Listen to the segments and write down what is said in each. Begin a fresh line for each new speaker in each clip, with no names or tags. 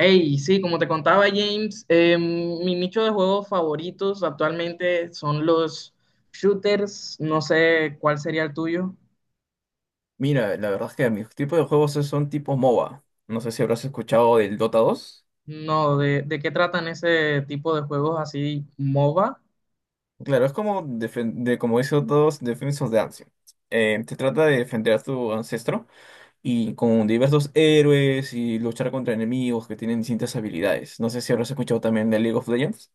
Hey, sí, como te contaba James, mi nicho de juegos favoritos actualmente son los shooters. No sé cuál sería el tuyo.
Mira, la verdad es que mis tipos de juegos son tipo MOBA. No sé si habrás escuchado del Dota 2.
No, de qué tratan ese tipo de juegos así, MOBA?
Claro, es como, como dice Dota 2, Defense of the Ancient. Se trata de defender a tu ancestro y con diversos héroes y luchar contra enemigos que tienen distintas habilidades. No sé si habrás escuchado también de League of Legends.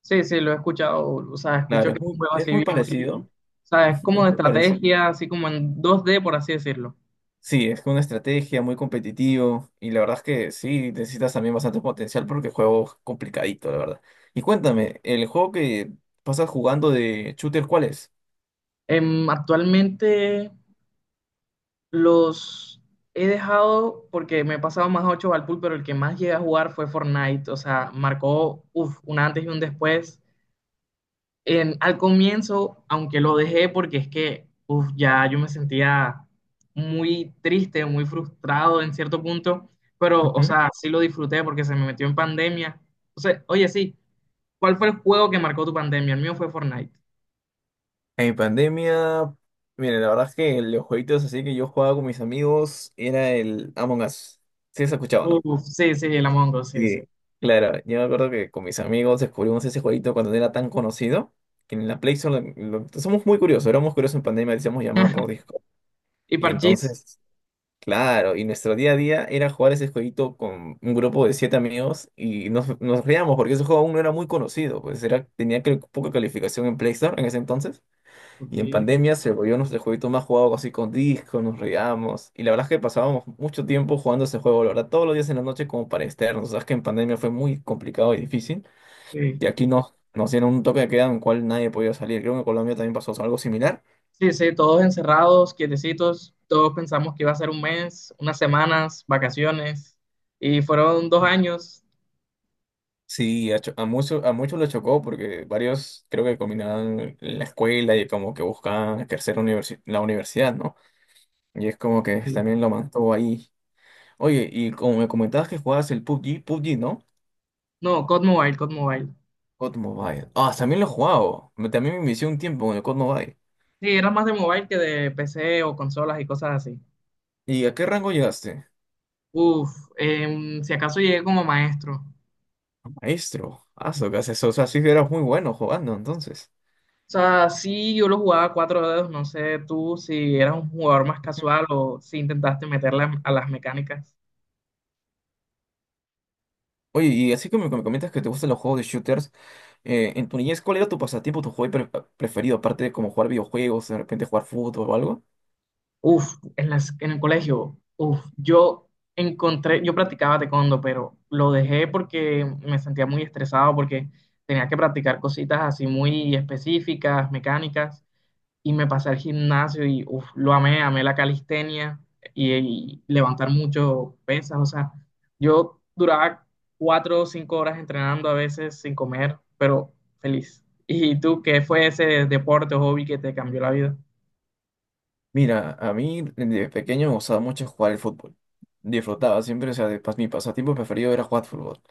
Sí, sí, lo he escuchado. O sea,
Claro,
escucho que
es
es un
muy,
juego
es
así
muy
bien friki.
parecido.
O sea, es
Es
como de
muy parecido.
estrategia, así como en dos d por así decirlo.
Sí, es que una estrategia muy competitivo y la verdad es que sí, necesitas también bastante potencial porque el juego es complicadito, la verdad. Y cuéntame, el juego que pasas jugando de shooter, ¿cuál es?
Actualmente los he dejado porque me he pasado más 8 al pool, pero el que más llegué a jugar fue Fortnite. O sea, marcó uf, un antes y un después. Al comienzo, aunque lo dejé porque es que uf, ya yo me sentía muy triste, muy frustrado en cierto punto, pero, o
Ujú.
sea, sí lo disfruté porque se me metió en pandemia. O sea, oye, sí, ¿cuál fue el juego que marcó tu pandemia? El mío fue Fortnite.
En pandemia, mire, la verdad es que los jueguitos así que yo jugaba con mis amigos era el Among Us. Sí, ¿has escuchado?, ¿no?
Uf, sí, sí, el Among Us, sí, sí.
Sí. Claro, yo me acuerdo que con mis amigos descubrimos ese jueguito cuando no era tan conocido, que en la Play Store somos muy curiosos, éramos curiosos en pandemia, decíamos llamada por Discord.
Y
Y
Parchís.
entonces Claro, y nuestro día a día era jugar ese jueguito con un grupo de siete amigos y nos reíamos porque ese juego aún no era muy conocido, pues era, tenía creo, que poca calificación en Play Store en ese entonces
Ok,
y en pandemia se volvió nuestro jueguito más jugado así con disco, nos reíamos y la verdad es que pasábamos mucho tiempo jugando ese juego, la verdad, todos los días en la noche como para externos, sabes que en pandemia fue muy complicado y difícil
sí.
y aquí nos dieron un toque de queda en el cual nadie podía salir, creo que en Colombia también pasó algo similar.
Sí, sí, todos encerrados, quietecitos, todos pensamos que iba a ser un mes, unas semanas, vacaciones, y fueron 2 años.
Sí, a muchos lo chocó porque varios creo que combinaban la escuela y como que buscaban ejercer la universidad, ¿no? Y es como que
Sí.
también lo mantuvo ahí. Oye, y como me comentabas que jugabas el PUBG, ¿no?
No, COD Mobile, COD Mobile.
COD Mobile. Ah, también lo he jugado. También me inicié un tiempo con el COD Mobile.
Sí, era más de mobile que de PC o consolas y cosas así.
¿Y a qué rango llegaste?
Uf, si acaso llegué como maestro. O
Maestro. Ah, so que haces eso. O sea, sí que eras muy bueno jugando entonces.
sea, sí, yo lo jugaba a cuatro dedos, no sé tú si eras un jugador más
Ujú.
casual o si intentaste meterle a las mecánicas.
Oye, y así como me comentas que te gustan los juegos de shooters. En tu niñez, ¿cuál era tu pasatiempo, tu hobby preferido, aparte de como jugar videojuegos, de repente jugar fútbol o algo?
Uf, en el colegio, uf, yo practicaba taekwondo, pero lo dejé porque me sentía muy estresado, porque tenía que practicar cositas así muy específicas, mecánicas, y me pasé al gimnasio y uf, lo amé, amé la calistenia y levantar mucho pesas, o sea, yo duraba 4 o 5 horas entrenando a veces sin comer, pero feliz. ¿Y tú qué fue ese deporte o hobby que te cambió la vida?
Mira, a mí de pequeño me gustaba mucho jugar el fútbol. Disfrutaba siempre, o sea, mi pasatiempo preferido era jugar fútbol.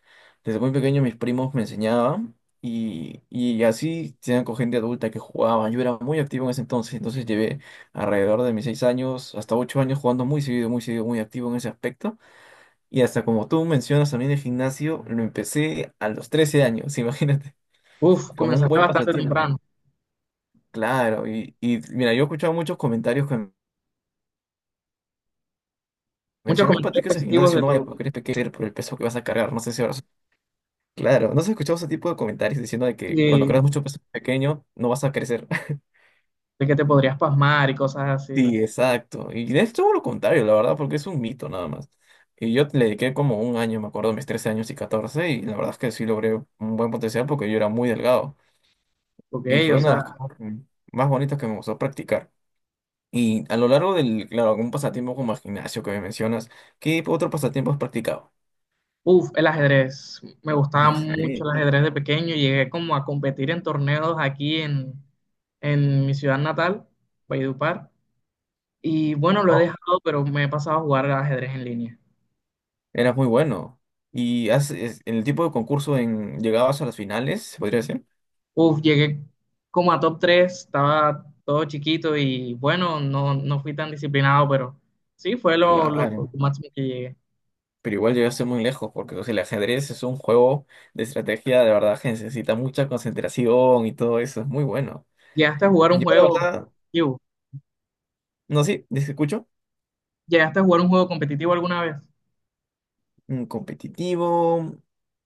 Desde muy pequeño mis primos me enseñaban y así tenían con gente adulta que jugaba. Yo era muy activo en ese entonces, entonces llevé alrededor de mis 6 años hasta 8 años jugando muy seguido, muy seguido, muy activo en ese aspecto. Y hasta como tú mencionas también el gimnasio, lo empecé a los 13 años, imagínate.
Uf,
Como un
comenzaste
buen
bastante
pasatiempo.
temprano.
Claro, y mira, yo he escuchado muchos comentarios que me
Muchos
decían, no
comentarios
practiques el
positivos
gimnasio,
de
no vayas porque eres pequeño por el peso que vas a cargar, no sé si ahora... Claro, ¿no has escuchado ese tipo de comentarios diciendo de que cuando
de,
cargas mucho peso pequeño no vas a crecer?
de que te podrías pasmar y cosas así.
Sí, exacto. Y es todo lo contrario, la verdad, porque es un mito nada más. Y yo le dediqué como un año, me acuerdo, mis 13 años y 14 y la verdad es que sí logré un buen potencial porque yo era muy delgado.
Ok,
Y fue
o
una de
sea,
las cosas más bonitas que me gustó practicar. Y a lo largo del, claro, un pasatiempo como el gimnasio que me mencionas, ¿qué otro pasatiempo has practicado?
uff, el ajedrez. Me
El
gustaba mucho
ajedrez.
el ajedrez de pequeño. Llegué como a competir en torneos aquí en mi ciudad natal, Valledupar. Y bueno, lo he
No.
dejado, pero me he pasado a jugar al ajedrez en línea.
Eras muy bueno. ¿Y en el tipo de concurso en, llegabas a las finales, se podría decir?
Uf, llegué como a top 3 estaba todo chiquito y bueno, no, no fui tan disciplinado, pero sí, fue lo
Claro.
máximo que llegué.
Pero igual llegaste muy lejos, porque o sea, el ajedrez es un juego de estrategia de verdad que necesita mucha concentración y todo eso. Es muy bueno.
¿Llegaste a jugar un
Yo, la
juego?
verdad, no sí ¿te escucho?
¿Llegaste a jugar un juego competitivo alguna vez?
Competitivo.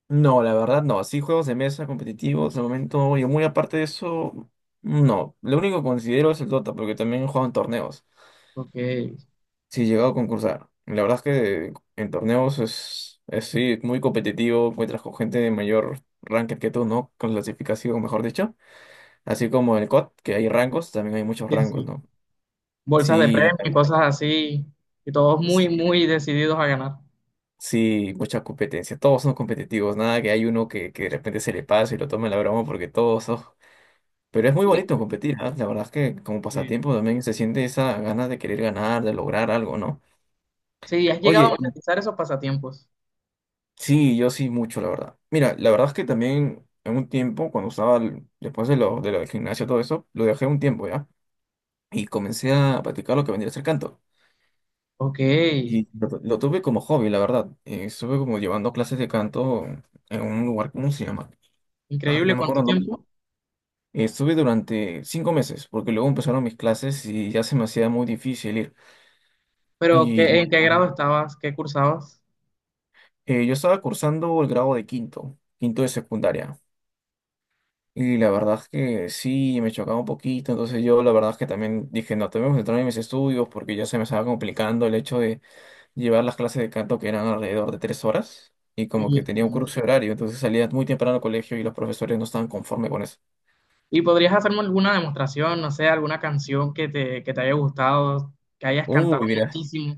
No, la verdad no. Así juegos de mesa competitivos, de momento, y muy aparte de eso, no. Lo único que considero es el Dota, porque también he jugado en torneos.
Porque
Sí, he llegado a concursar. La verdad es que en torneos es sí, muy competitivo, encuentras con gente de mayor ranking que tú, ¿no? Con clasificación, mejor dicho. Así como en el COD, que hay rangos, también hay muchos
sí,
rangos,
sí,
¿no?
bolsas de
Sí,
premio y cosas así, y todos muy,
sí.
muy decididos a ganar.
Sí, mucha competencia. Todos son competitivos, nada que hay uno que de repente se le pase y lo tome la broma porque todos son. Pero es muy
Sí,
bonito competir, ¿ah? La verdad es que como
sí,
pasatiempo también se siente esa ganas de querer ganar, de lograr algo, ¿no?
sí, has llegado a
Oye,
monetizar esos pasatiempos.
sí, yo sí mucho, la verdad. Mira, la verdad es que también en un tiempo, cuando estaba, después de lo del gimnasio, todo eso, lo dejé un tiempo, ¿ya? Y comencé a practicar lo que vendría a ser canto.
Ok,
Y lo tuve como hobby, la verdad. Estuve como llevando clases de canto en un lugar, ¿cómo se llama? Ay, no
increíble
me acuerdo
cuánto
el nombre.
tiempo.
Estuve durante 5 meses, porque luego empezaron mis clases y ya se me hacía muy difícil ir.
Pero
Y la-
en qué grado estabas? ¿Qué cursabas?
Yo estaba cursando el grado de quinto, quinto de secundaria. Y la verdad es que sí, me chocaba un poquito. Entonces yo la verdad es que también dije, no, tengo que centrarme en mis estudios porque ya se me estaba complicando el hecho de llevar las clases de canto que eran alrededor de 3 horas. Y como que
Y,
tenía un cruce horario, entonces salía muy temprano al colegio y los profesores no estaban conformes con eso.
y podrías hacerme alguna demostración, no sé, alguna canción que te haya gustado, que hayas cantado
Uy, mira,
muchísimo.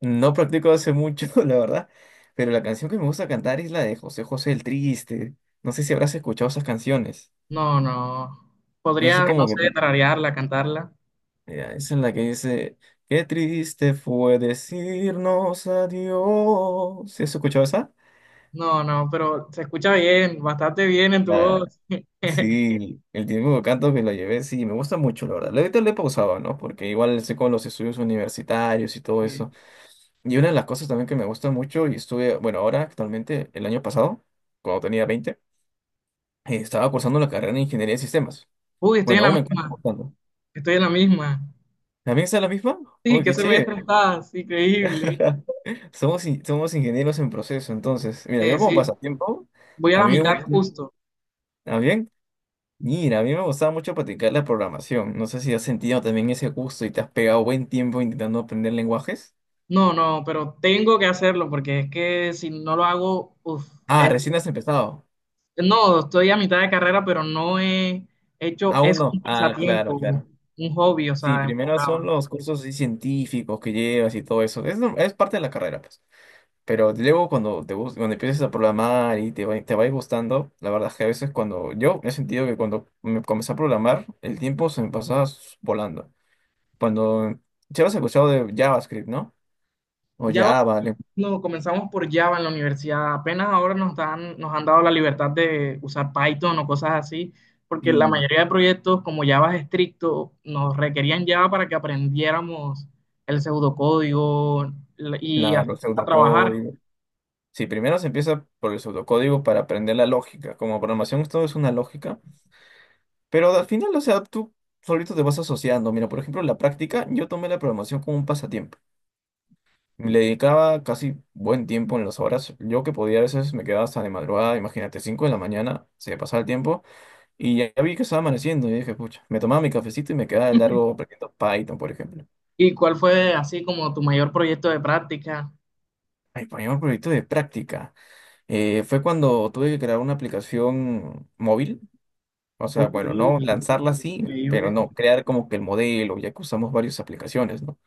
no practico hace mucho, la verdad. Pero la canción que me gusta cantar es la de José José, el Triste. No sé si habrás escuchado esas canciones.
No, no.
Es
Podrías, no
como
sé,
que...
tararearla, cantarla.
Mira, esa es la que dice, qué triste fue decirnos adiós. ¿Sí has escuchado esa?
No, no, pero se escucha bien, bastante bien en tu
La-
voz.
sí, el tiempo de canto que la llevé, sí, me gusta mucho, la verdad. Ahorita le he pausado, ¿no? Porque igual sé con los estudios universitarios y todo
Sí.
eso. Y una de las cosas también que me gusta mucho, y estuve, bueno, ahora actualmente, el año pasado, cuando tenía 20, estaba cursando la carrera de Ingeniería de Sistemas.
Uy, estoy en
Bueno,
la
aún me encuentro
misma,
cursando.
estoy en la misma.
¿También está la misma?
Sí,
¡Uy,
qué
qué
semestre
chévere!
estás, increíble.
Somos ingenieros en proceso, entonces. Mira,
Sí,
yo como
sí,
pasatiempo,
voy a
a
la
mí,
mitad justo.
¿ah, bien? Mira, a mí me gustaba mucho practicar la programación. No sé si has sentido también ese gusto y te has pegado buen tiempo intentando aprender lenguajes.
No, no, pero tengo que hacerlo porque es que si no lo hago, uf,
Ah,
es-
recién has empezado.
no, estoy a mitad de carrera, pero no he hecho,
Aún
es un
no. Ah, claro,
pasatiempo,
claro.
un hobby, o
Sí,
sea,
primero son
enfocado.
los cursos así científicos que llevas y todo eso. Es, no- es parte de la carrera, pues. Pero luego cuando empiezas a programar y te va a ir gustando, la verdad es que a veces cuando yo he sentido que cuando me comencé a programar, el tiempo se me pasaba volando. Cuando ya has escuchado de JavaScript, ¿no? O
Ya
Java,
no, comenzamos por Java en la universidad. Apenas ahora nos han dado la libertad de usar Python o cosas así, porque la
y
mayoría de proyectos, como Java es estricto, nos requerían Java para que aprendiéramos el pseudocódigo y
los
a trabajar.
pseudocódigos. Sí, primero se empieza por el pseudocódigo para aprender la lógica. Como programación todo es una lógica, pero al final, o sea, tú solito te vas asociando. Mira, por ejemplo, en la práctica, yo tomé la programación como un pasatiempo. Le dedicaba casi buen tiempo en las horas. Yo que podía a veces me quedaba hasta de madrugada, imagínate, 5 de la mañana, se me pasaba el tiempo y ya vi que estaba amaneciendo y dije, pucha, me tomaba mi cafecito y me quedaba de largo aprendiendo Python, por ejemplo.
¿Y cuál fue así como tu mayor proyecto de práctica?
Mi primer proyecto de práctica, fue cuando tuve que crear una aplicación móvil. O sea,
Ok,
bueno, no lanzarla así, pero
increíble.
no, crear como que el modelo, ya que usamos varias aplicaciones, ¿no?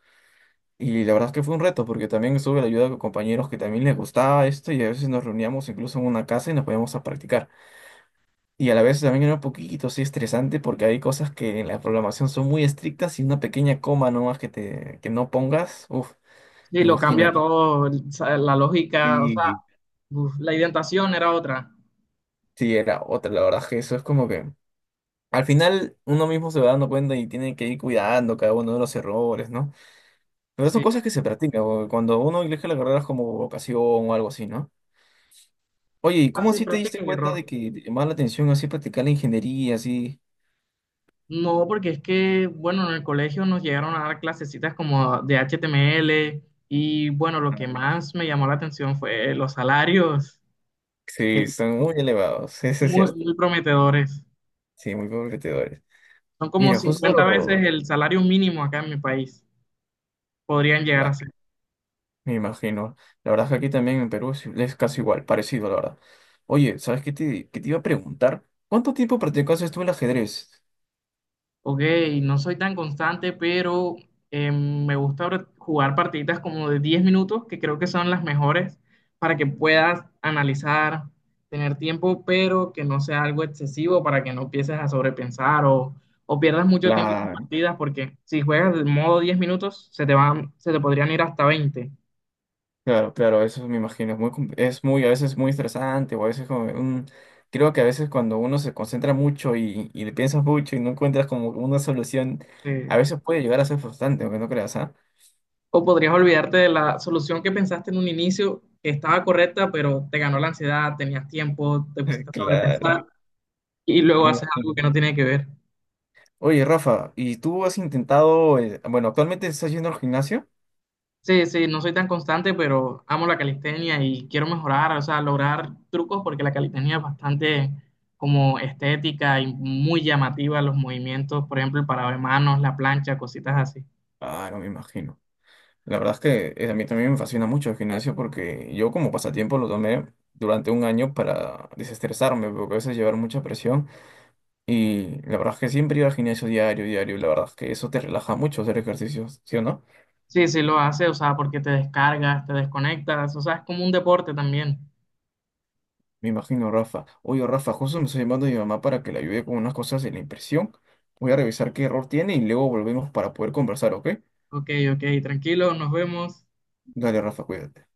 Y la verdad es que fue un reto, porque también estuve la ayuda de compañeros que también les gustaba esto y a veces nos reuníamos incluso en una casa y nos poníamos a practicar. Y a la vez también era un poquito así estresante porque hay cosas que en la programación son muy estrictas y una pequeña coma nomás que no pongas, uff,
Sí, lo cambia
imagínate.
todo, o sea, la lógica, o sea,
Y
uf, la identación era otra.
sí, era otra, la verdad es que eso es como que al final uno mismo se va dando cuenta y tiene que ir cuidando cada uno de los errores, ¿no? Pero son
Sí,
cosas que se practican, o cuando uno elige la carrera es como vocación o algo así, ¿no? Oye, ¿y cómo
así,
así te diste
práctica y
cuenta
error.
de que te llamaba la atención así practicar la ingeniería, así?
No, porque es que, bueno, en el colegio nos llegaron a dar clasecitas como de HTML y, bueno, lo
Ah,
que más me llamó la atención fue los salarios, que
sí, son muy
son
elevados, eso es
muy,
cierto.
muy prometedores.
Sí, muy competidores.
Son como
Mira,
50 veces
justo,
el salario mínimo acá en mi país. Podrían llegar a
claro,
ser.
me imagino. La verdad es que aquí también en Perú es casi igual, parecido, la verdad. Oye, ¿sabes qué te iba a preguntar? ¿Cuánto tiempo practicaste tú el ajedrez?
Ok, no soy tan constante, pero me gusta ahora jugar partiditas como de 10 minutos, que creo que son las mejores para que puedas analizar, tener tiempo, pero que no sea algo excesivo para que no empieces a sobrepensar o pierdas mucho tiempo en partidas, porque si juegas de modo 10 minutos, se te podrían ir hasta 20,
Claro, claro, eso me imagino, es muy, es muy, a veces muy estresante, o a veces como, creo que a veces cuando uno se concentra mucho y le piensas mucho y no encuentras como una solución,
eh,
a veces puede llegar a ser frustrante, aunque no creas, ¿ah?
o podrías olvidarte de la solución que pensaste en un inicio, que estaba correcta, pero te ganó la ansiedad, tenías tiempo, te pusiste a
Claro,
sobrepensar. Y luego
me
haces algo que no
imagino.
tiene que ver.
Oye, Rafa, ¿y tú has intentado, bueno, actualmente estás yendo al gimnasio?
Sí, sí, no soy tan constante, pero amo la calistenia y quiero mejorar, o sea, lograr trucos porque la calistenia es bastante como estética y muy llamativa los movimientos, por ejemplo, el parado de manos, la plancha, cositas así.
Ah, no me imagino. La verdad es que a mí también me fascina mucho el gimnasio porque yo como pasatiempo lo tomé durante un año para desestresarme, porque a veces llevar mucha presión. Y la verdad es que siempre iba al gimnasio diario, diario. La verdad es que eso te relaja mucho hacer ejercicios, ¿sí o no?
Sí, sí lo hace, o sea, porque te descargas, te desconectas, o sea, es como un deporte también.
Me imagino, Rafa. Oye, Rafa, justo me está llamando mi mamá para que le ayude con unas cosas de la impresión. Voy a revisar qué error tiene y luego volvemos para poder conversar, ¿ok?
Ok, ok, tranquilo, nos vemos.
Dale, Rafa, cuídate.